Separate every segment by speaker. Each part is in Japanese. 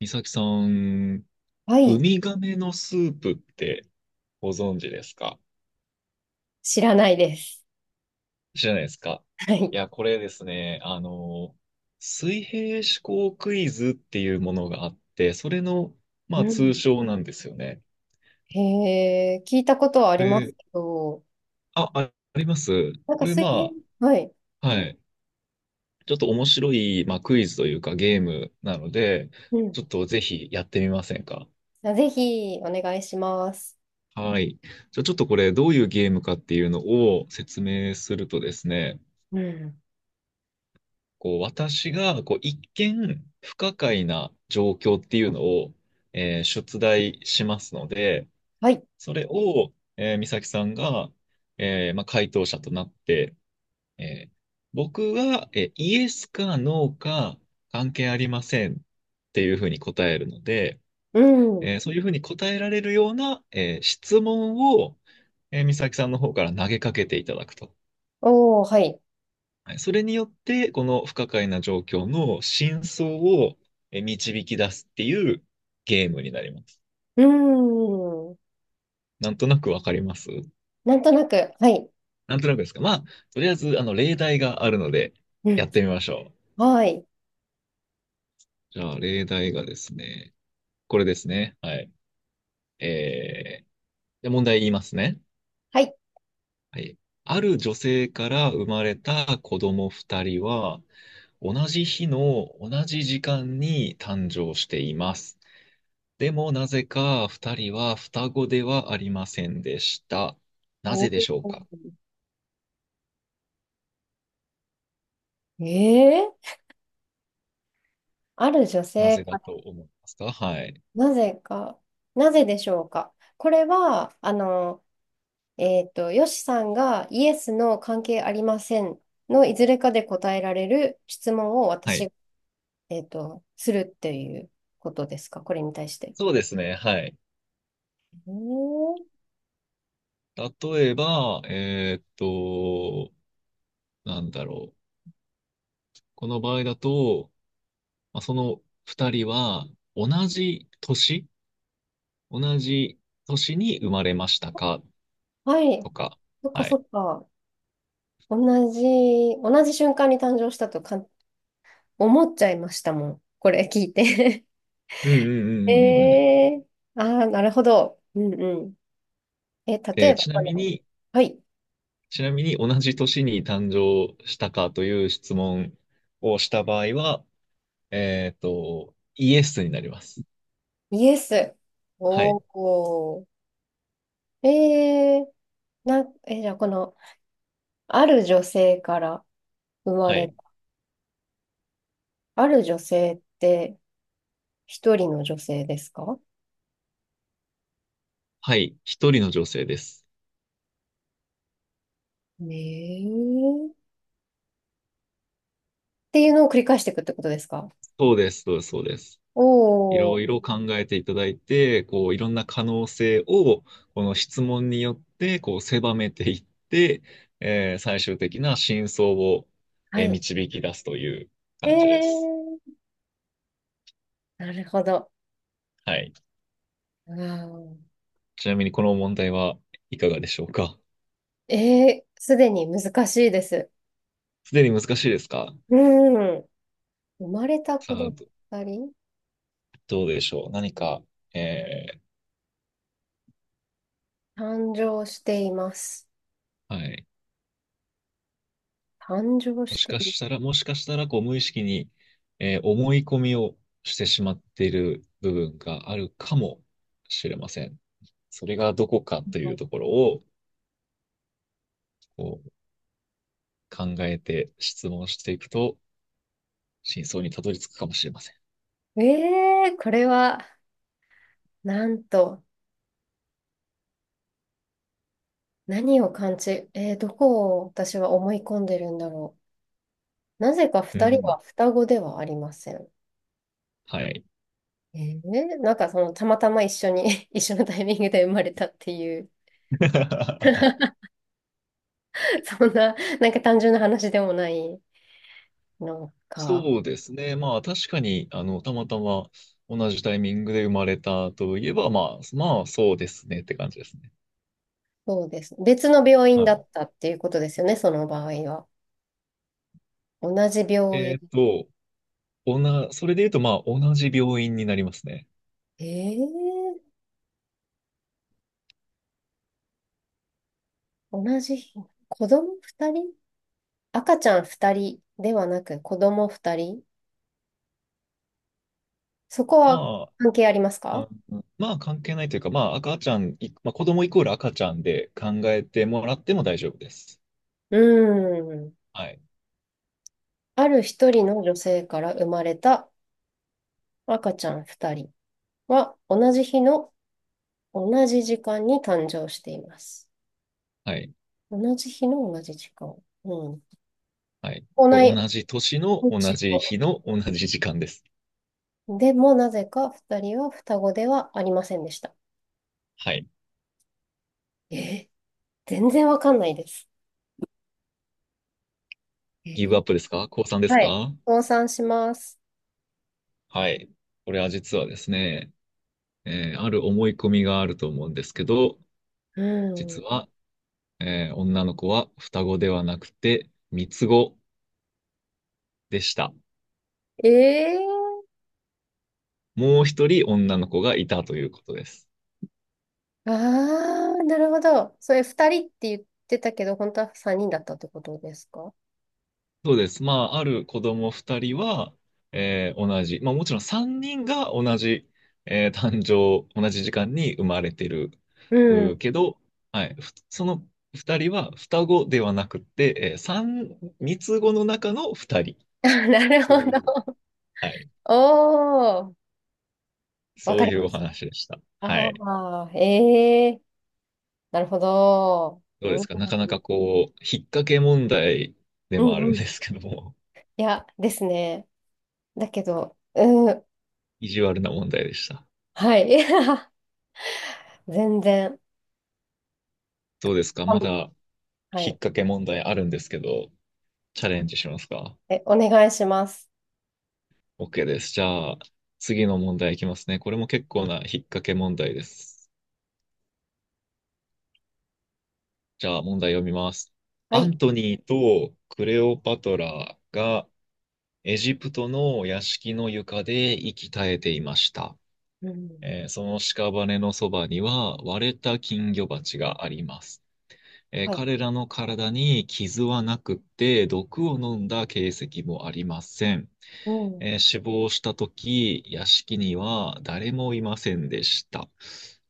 Speaker 1: 美咲さん、
Speaker 2: は
Speaker 1: ウ
Speaker 2: い。
Speaker 1: ミガメのスープってご存知ですか？
Speaker 2: 知らないです。
Speaker 1: 知らないですか？
Speaker 2: はい。
Speaker 1: いや、これですね、あの、水平思考クイズっていうものがあって、それの、ま
Speaker 2: う
Speaker 1: あ、通
Speaker 2: ん。
Speaker 1: 称なんですよね。
Speaker 2: へえ、聞いたことはあ
Speaker 1: こ
Speaker 2: ります
Speaker 1: れ、
Speaker 2: けど、
Speaker 1: あります。
Speaker 2: なん
Speaker 1: こ
Speaker 2: か
Speaker 1: れ、
Speaker 2: 水平、はい。
Speaker 1: はい。ちょっと面白い、まあ、クイズというかゲームなので、
Speaker 2: うん。
Speaker 1: ちょっとぜひやってみませんか？
Speaker 2: あ、ぜひお願いします。
Speaker 1: はい。じゃあちょっとこれ、どういうゲームかっていうのを説明するとですね、
Speaker 2: うん。
Speaker 1: こう、私が、こう、一見不可解な状況っていうのを、出題しますので、
Speaker 2: はい。
Speaker 1: それを、美咲さんが、まあ、回答者となって、えー僕が、イエスかノーか関係ありませんっていうふうに答えるので、
Speaker 2: うん。
Speaker 1: そういうふうに答えられるような、質問を、美咲さんの方から投げかけていただくと。
Speaker 2: おー、はい。
Speaker 1: はい、それによって、この不可解な状況の真相を導き出すっていうゲームになります。
Speaker 2: うん。
Speaker 1: なんとなくわかります
Speaker 2: なんとなく、はい。
Speaker 1: なんとなくですか。まあ、とりあえず、あの、例題があるので、
Speaker 2: う
Speaker 1: や
Speaker 2: ん。
Speaker 1: ってみましょう。
Speaker 2: はい。
Speaker 1: じゃあ、例題がですね、これですね。はい。えー、じゃあ問題言いますね。
Speaker 2: はい。
Speaker 1: はい。ある女性から生まれた子供二人は、同じ日の同じ時間に誕生しています。でもなぜか二人は双子ではありませんでした。な
Speaker 2: お
Speaker 1: ぜで
Speaker 2: ー、
Speaker 1: しょうか？
Speaker 2: ええ、ある女
Speaker 1: な
Speaker 2: 性
Speaker 1: ぜだ
Speaker 2: か、
Speaker 1: と思いますか？はい。
Speaker 2: なぜか、なぜでしょうか。これは、あの、えっと、よしさんがイエスの関係ありませんのいずれかで答えられる質問を
Speaker 1: はい。
Speaker 2: 私、えっと、するっていうことですか、これに対して。
Speaker 1: そうですね。はい。
Speaker 2: えー、
Speaker 1: 例えば、なんだろう。この場合だと、まあ、その二人は同じ年同じ年に生まれましたか？
Speaker 2: はい。
Speaker 1: とか。
Speaker 2: そっか
Speaker 1: は
Speaker 2: そ
Speaker 1: い。
Speaker 2: っか。同じ、同じ瞬間に誕生したとか、ん、思っちゃいましたもん。これ聞いて。
Speaker 1: うんう んうんうんうんうん。
Speaker 2: えああ、なるほど。うんうん。え、例えば、
Speaker 1: ちな
Speaker 2: あ
Speaker 1: み
Speaker 2: の、
Speaker 1: に、
Speaker 2: はい。
Speaker 1: ちなみに同じ年に誕生したかという質問をした場合は、えっと、イエスになります。
Speaker 2: イエス。
Speaker 1: はい。
Speaker 2: おお。えー、な、え、じゃあこの、ある女性から生ま
Speaker 1: は
Speaker 2: れ
Speaker 1: い。
Speaker 2: た。ある女性って一人の女性ですか？
Speaker 1: はい。一人の女性です。
Speaker 2: ねえ。っていうのを繰り返していくってことですか？
Speaker 1: そうです。そうです。そうです。い
Speaker 2: おー。
Speaker 1: ろいろ考えていただいて、こう、いろんな可能性を、この質問によって、こう、狭めていって、最終的な真相を、
Speaker 2: はい。
Speaker 1: 導き出すという
Speaker 2: え
Speaker 1: 感じです。
Speaker 2: ー、なるほど。
Speaker 1: はい。
Speaker 2: うん。
Speaker 1: ちなみにこの問題はいかがでしょうか？
Speaker 2: えー、すでに難しいです。
Speaker 1: すでに難しいですか？
Speaker 2: うん。生まれた
Speaker 1: さ
Speaker 2: 子
Speaker 1: あ、
Speaker 2: 供二人、
Speaker 1: どうでしょう。何か、え
Speaker 2: 誕生しています。
Speaker 1: はい。
Speaker 2: 誕生
Speaker 1: も
Speaker 2: し
Speaker 1: し
Speaker 2: て
Speaker 1: か
Speaker 2: い
Speaker 1: したら、もしかしたら、こう、無意識に、思い込みをしてしまっている部分があるかもしれません。それがどこかとい
Speaker 2: ま
Speaker 1: うと
Speaker 2: す。
Speaker 1: ころを、こう、考えて質問していくと、真相にたどり着くかもしれません。
Speaker 2: えー、これは、なんと、何を感じ、えー、どこを私は思い込んでるんだろなぜか
Speaker 1: う
Speaker 2: 二人
Speaker 1: ん。
Speaker 2: は双子ではありません。
Speaker 1: はい。
Speaker 2: えー、なんかそのたまたま一緒に 一緒のタイミングで生まれたっていう。 そんな、なんか単純な話でもない、なんか、
Speaker 1: そうですね。まあ、確かに、あの、たまたま同じタイミングで生まれたといえば、まあ、まあ、そうですねって感じですね。
Speaker 2: そうです。別の病院
Speaker 1: は
Speaker 2: だっ
Speaker 1: い、
Speaker 2: たっていうことですよね、その場合は。同じ病
Speaker 1: え
Speaker 2: 院。
Speaker 1: ーっと、それで言うと、まあ、同じ病院になりますね。
Speaker 2: えー、同じ日、子供二人、赤ちゃん二人ではなく子供二人、そこ
Speaker 1: ま
Speaker 2: は関係あります
Speaker 1: あ、
Speaker 2: か？
Speaker 1: まあ、関係ないというか、まあ、赤ちゃん、いまあ、子供イコール赤ちゃんで考えてもらっても大丈夫です。
Speaker 2: うーん。
Speaker 1: はい。
Speaker 2: ある一人の女性から生まれた赤ちゃん2人は同じ日の同じ時間に誕生しています。
Speaker 1: はい。
Speaker 2: 同じ日の同じ時間。うん。
Speaker 1: はい。
Speaker 2: 同
Speaker 1: これ
Speaker 2: い
Speaker 1: 同じ年の同
Speaker 2: 年
Speaker 1: じ日の同じ時間です。
Speaker 2: の、でもなぜか2人は双子ではありませんでした。
Speaker 1: はい。
Speaker 2: えー、全然わかんないです。え
Speaker 1: ギブア
Speaker 2: ー、
Speaker 1: ップですか？降参です
Speaker 2: はい。
Speaker 1: か？
Speaker 2: 倒産します。
Speaker 1: はい。これは実はですね、ある思い込みがあると思うんですけど、
Speaker 2: う
Speaker 1: 実
Speaker 2: ん。
Speaker 1: は、女の子は双子ではなくて三つ子でした。
Speaker 2: えー、
Speaker 1: もう一人女の子がいたということです。
Speaker 2: ああ、なるほど。それ2人って言ってたけど、本当は3人だったってことですか？
Speaker 1: そうです。まあ、ある子供二人は、同じ、まあもちろん三人が同じ、誕生、同じ時間に生まれてる
Speaker 2: うん。
Speaker 1: けど、はい、その二人は双子ではなくて、三つ子の中の二人っ
Speaker 2: なる
Speaker 1: て
Speaker 2: ほ
Speaker 1: いう、
Speaker 2: ど。
Speaker 1: はい、
Speaker 2: おー、わ
Speaker 1: そ
Speaker 2: か
Speaker 1: う
Speaker 2: り
Speaker 1: い
Speaker 2: ま
Speaker 1: うお
Speaker 2: す。
Speaker 1: 話でした。は
Speaker 2: ああ、
Speaker 1: い。
Speaker 2: まあ、ええ、なるほど。
Speaker 1: どうで
Speaker 2: う
Speaker 1: す
Speaker 2: ん、
Speaker 1: か？なかなかこう、引っ掛け問題で
Speaker 2: う
Speaker 1: もあ
Speaker 2: ん
Speaker 1: るん
Speaker 2: う
Speaker 1: で
Speaker 2: ん。
Speaker 1: すけども、
Speaker 2: いや、ですね。だけど、うん、
Speaker 1: 意地悪な問題でした。
Speaker 2: はい。全然。
Speaker 1: どうですか？
Speaker 2: あ
Speaker 1: ま
Speaker 2: の、
Speaker 1: だ引
Speaker 2: は
Speaker 1: っ
Speaker 2: い。
Speaker 1: 掛け問題あるんですけど、チャレンジしますか？
Speaker 2: え、お願いします。
Speaker 1: OK です。じゃあ、次の問題いきますね。これも結構な引っ掛け問題です。じゃあ、問題読みます。
Speaker 2: は
Speaker 1: アン
Speaker 2: い。
Speaker 1: トニーとクレオパトラがエジプトの屋敷の床で息絶えていました。
Speaker 2: うん。
Speaker 1: その屍のそばには割れた金魚鉢があります。
Speaker 2: はい。
Speaker 1: 彼らの体に傷はなくって毒を飲んだ形跡もありません。
Speaker 2: うん。
Speaker 1: 死亡したとき、屋敷には誰もいませんでした。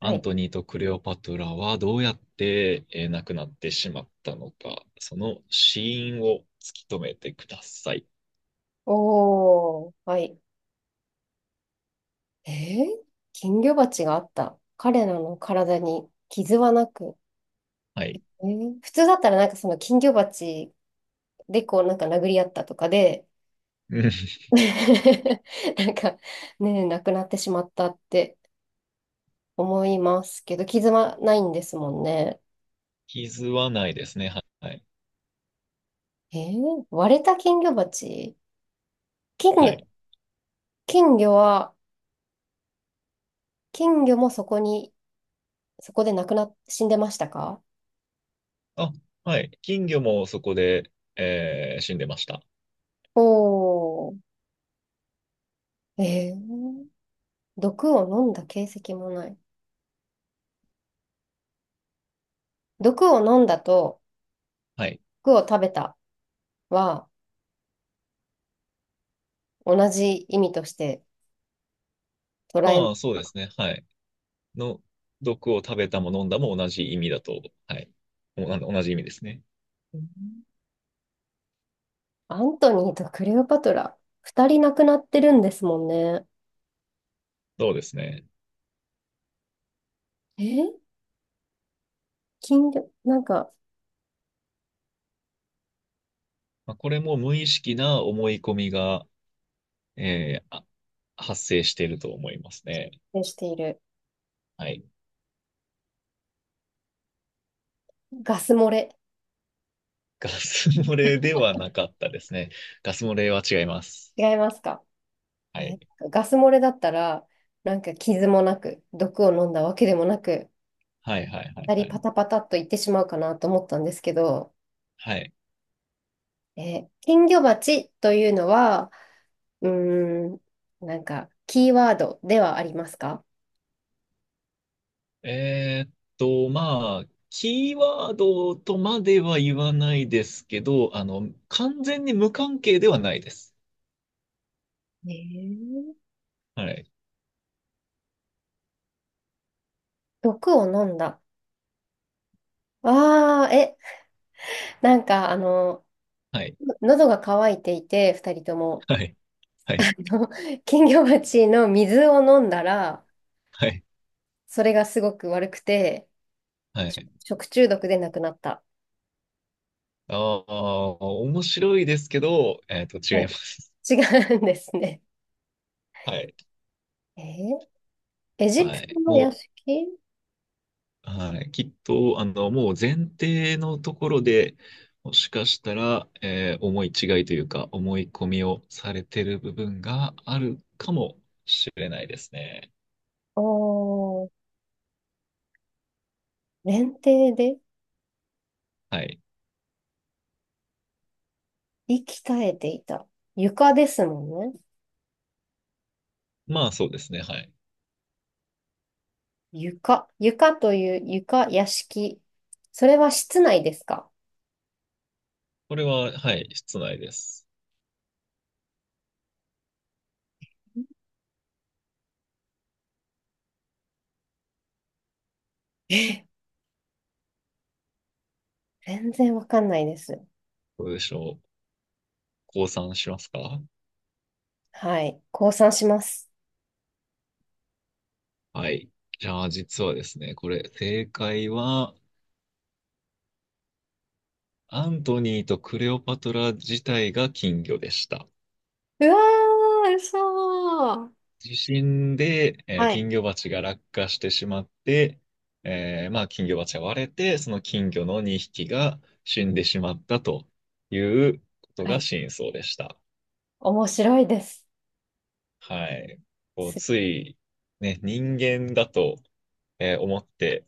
Speaker 2: は
Speaker 1: アン
Speaker 2: い。
Speaker 1: トニーとクレオパトラはどうやって、亡くなってしまったのか、その死因を突き止めてください。
Speaker 2: おー、はい。えー、金魚鉢があった。彼らの体に傷はなく。
Speaker 1: はい。
Speaker 2: えー、普通だったらなんかその金魚鉢でこうなんか殴り合ったとかで、
Speaker 1: うん、
Speaker 2: なんか、ね、なくなってしまったって思いますけど、傷はないんですもんね。
Speaker 1: 傷はないですね。はい。
Speaker 2: えー、割れた金魚鉢、金
Speaker 1: は
Speaker 2: 魚、
Speaker 1: い。
Speaker 2: 金魚は、金魚もそこに、そこで亡くなっ、死んでましたか？
Speaker 1: あ、はい。金魚もそこで、死んでました。
Speaker 2: おー、えー、毒を飲んだ形跡もない。毒を飲んだと、
Speaker 1: はい。
Speaker 2: 毒を食べたは同じ意味として捉えま
Speaker 1: まあ、
Speaker 2: す。
Speaker 1: そうですね。はい。の、毒を食べたも飲んだも同じ意味だと、はい。あの、同じ意味ですね。
Speaker 2: うん。アントニーとクレオパトラ、二人亡くなってるんですもんね。
Speaker 1: そうですね。
Speaker 2: え、金魚、なんか、
Speaker 1: まあ、これも無意識な思い込みが、えーあ発生していると思いますね。
Speaker 2: ね、している。
Speaker 1: はい。
Speaker 2: ガス漏れ。
Speaker 1: ガス漏れではなかったですね。ガス漏れは違います。
Speaker 2: 違いますか？
Speaker 1: は
Speaker 2: え、
Speaker 1: い。
Speaker 2: ガス漏れだったら、なんか傷もなく、毒を飲んだわけでもなく、
Speaker 1: はいはいはい
Speaker 2: 二
Speaker 1: は
Speaker 2: 人
Speaker 1: い。
Speaker 2: パタパタっといってしまうかなと思ったんですけど、
Speaker 1: はい。
Speaker 2: え、金魚鉢というのは、うーん、なんか、キーワードではありますか？
Speaker 1: えーっと、まあ、キーワードとまでは言わないですけど、あの、完全に無関係ではないです。
Speaker 2: えー、
Speaker 1: はい。
Speaker 2: 毒を飲んだ。ああ、え、なんか、あの、
Speaker 1: はい。
Speaker 2: 喉が渇いていて、二人とも。
Speaker 1: はい。はい。
Speaker 2: の、金魚鉢の水を飲んだら、
Speaker 1: はい。
Speaker 2: それがすごく悪くて、
Speaker 1: は
Speaker 2: し、
Speaker 1: い。
Speaker 2: 食中毒で亡くなった。
Speaker 1: ああ、面白いですけど、えーっと、違
Speaker 2: は
Speaker 1: いま
Speaker 2: い。
Speaker 1: す。
Speaker 2: 違うんですね。
Speaker 1: はい。
Speaker 2: えー、エジ
Speaker 1: は
Speaker 2: プト
Speaker 1: い。
Speaker 2: の屋
Speaker 1: もう、
Speaker 2: 敷。
Speaker 1: はい、きっと、あの、もう前提のところで、もしかしたら、思い違いというか、思い込みをされてる部分があるかもしれないですね。
Speaker 2: おー、連帝で
Speaker 1: はい。
Speaker 2: 息絶えていた。床ですもんね。
Speaker 1: まあ、そうですね。はい。
Speaker 2: 床。床という床、屋敷。それは室内ですか？
Speaker 1: これは、はい、室内です。
Speaker 2: え、全然わかんないです。
Speaker 1: どうでしょう。降参しますか？
Speaker 2: はい。降参します。
Speaker 1: はい。じゃあ、実はですね、これ、正解は、アントニーとクレオパトラ自体が金魚でした。
Speaker 2: うわー、嘘ー。
Speaker 1: 地震で、
Speaker 2: は
Speaker 1: 金
Speaker 2: い。
Speaker 1: 魚鉢が落下してしまって、まあ、金魚鉢が割れて、その金魚の2匹が死んでしまったということ
Speaker 2: は
Speaker 1: が
Speaker 2: い、
Speaker 1: 真相でした。
Speaker 2: 面白いです。
Speaker 1: はい。こう、
Speaker 2: す
Speaker 1: つい、ね、人間だと、思って、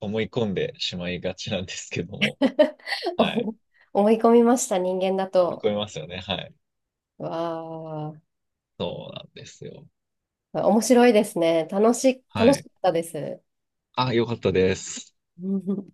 Speaker 1: 思い込んでしまいがちなんですけども、はい。
Speaker 2: 思、思い込みました、人間だ
Speaker 1: 思い
Speaker 2: と。
Speaker 1: 込みますよね。はい。
Speaker 2: わ
Speaker 1: そうなんですよ。
Speaker 2: あ、面白いですね。楽し、
Speaker 1: は
Speaker 2: 楽し
Speaker 1: い。
Speaker 2: かったです。
Speaker 1: あ、よかったです。
Speaker 2: うん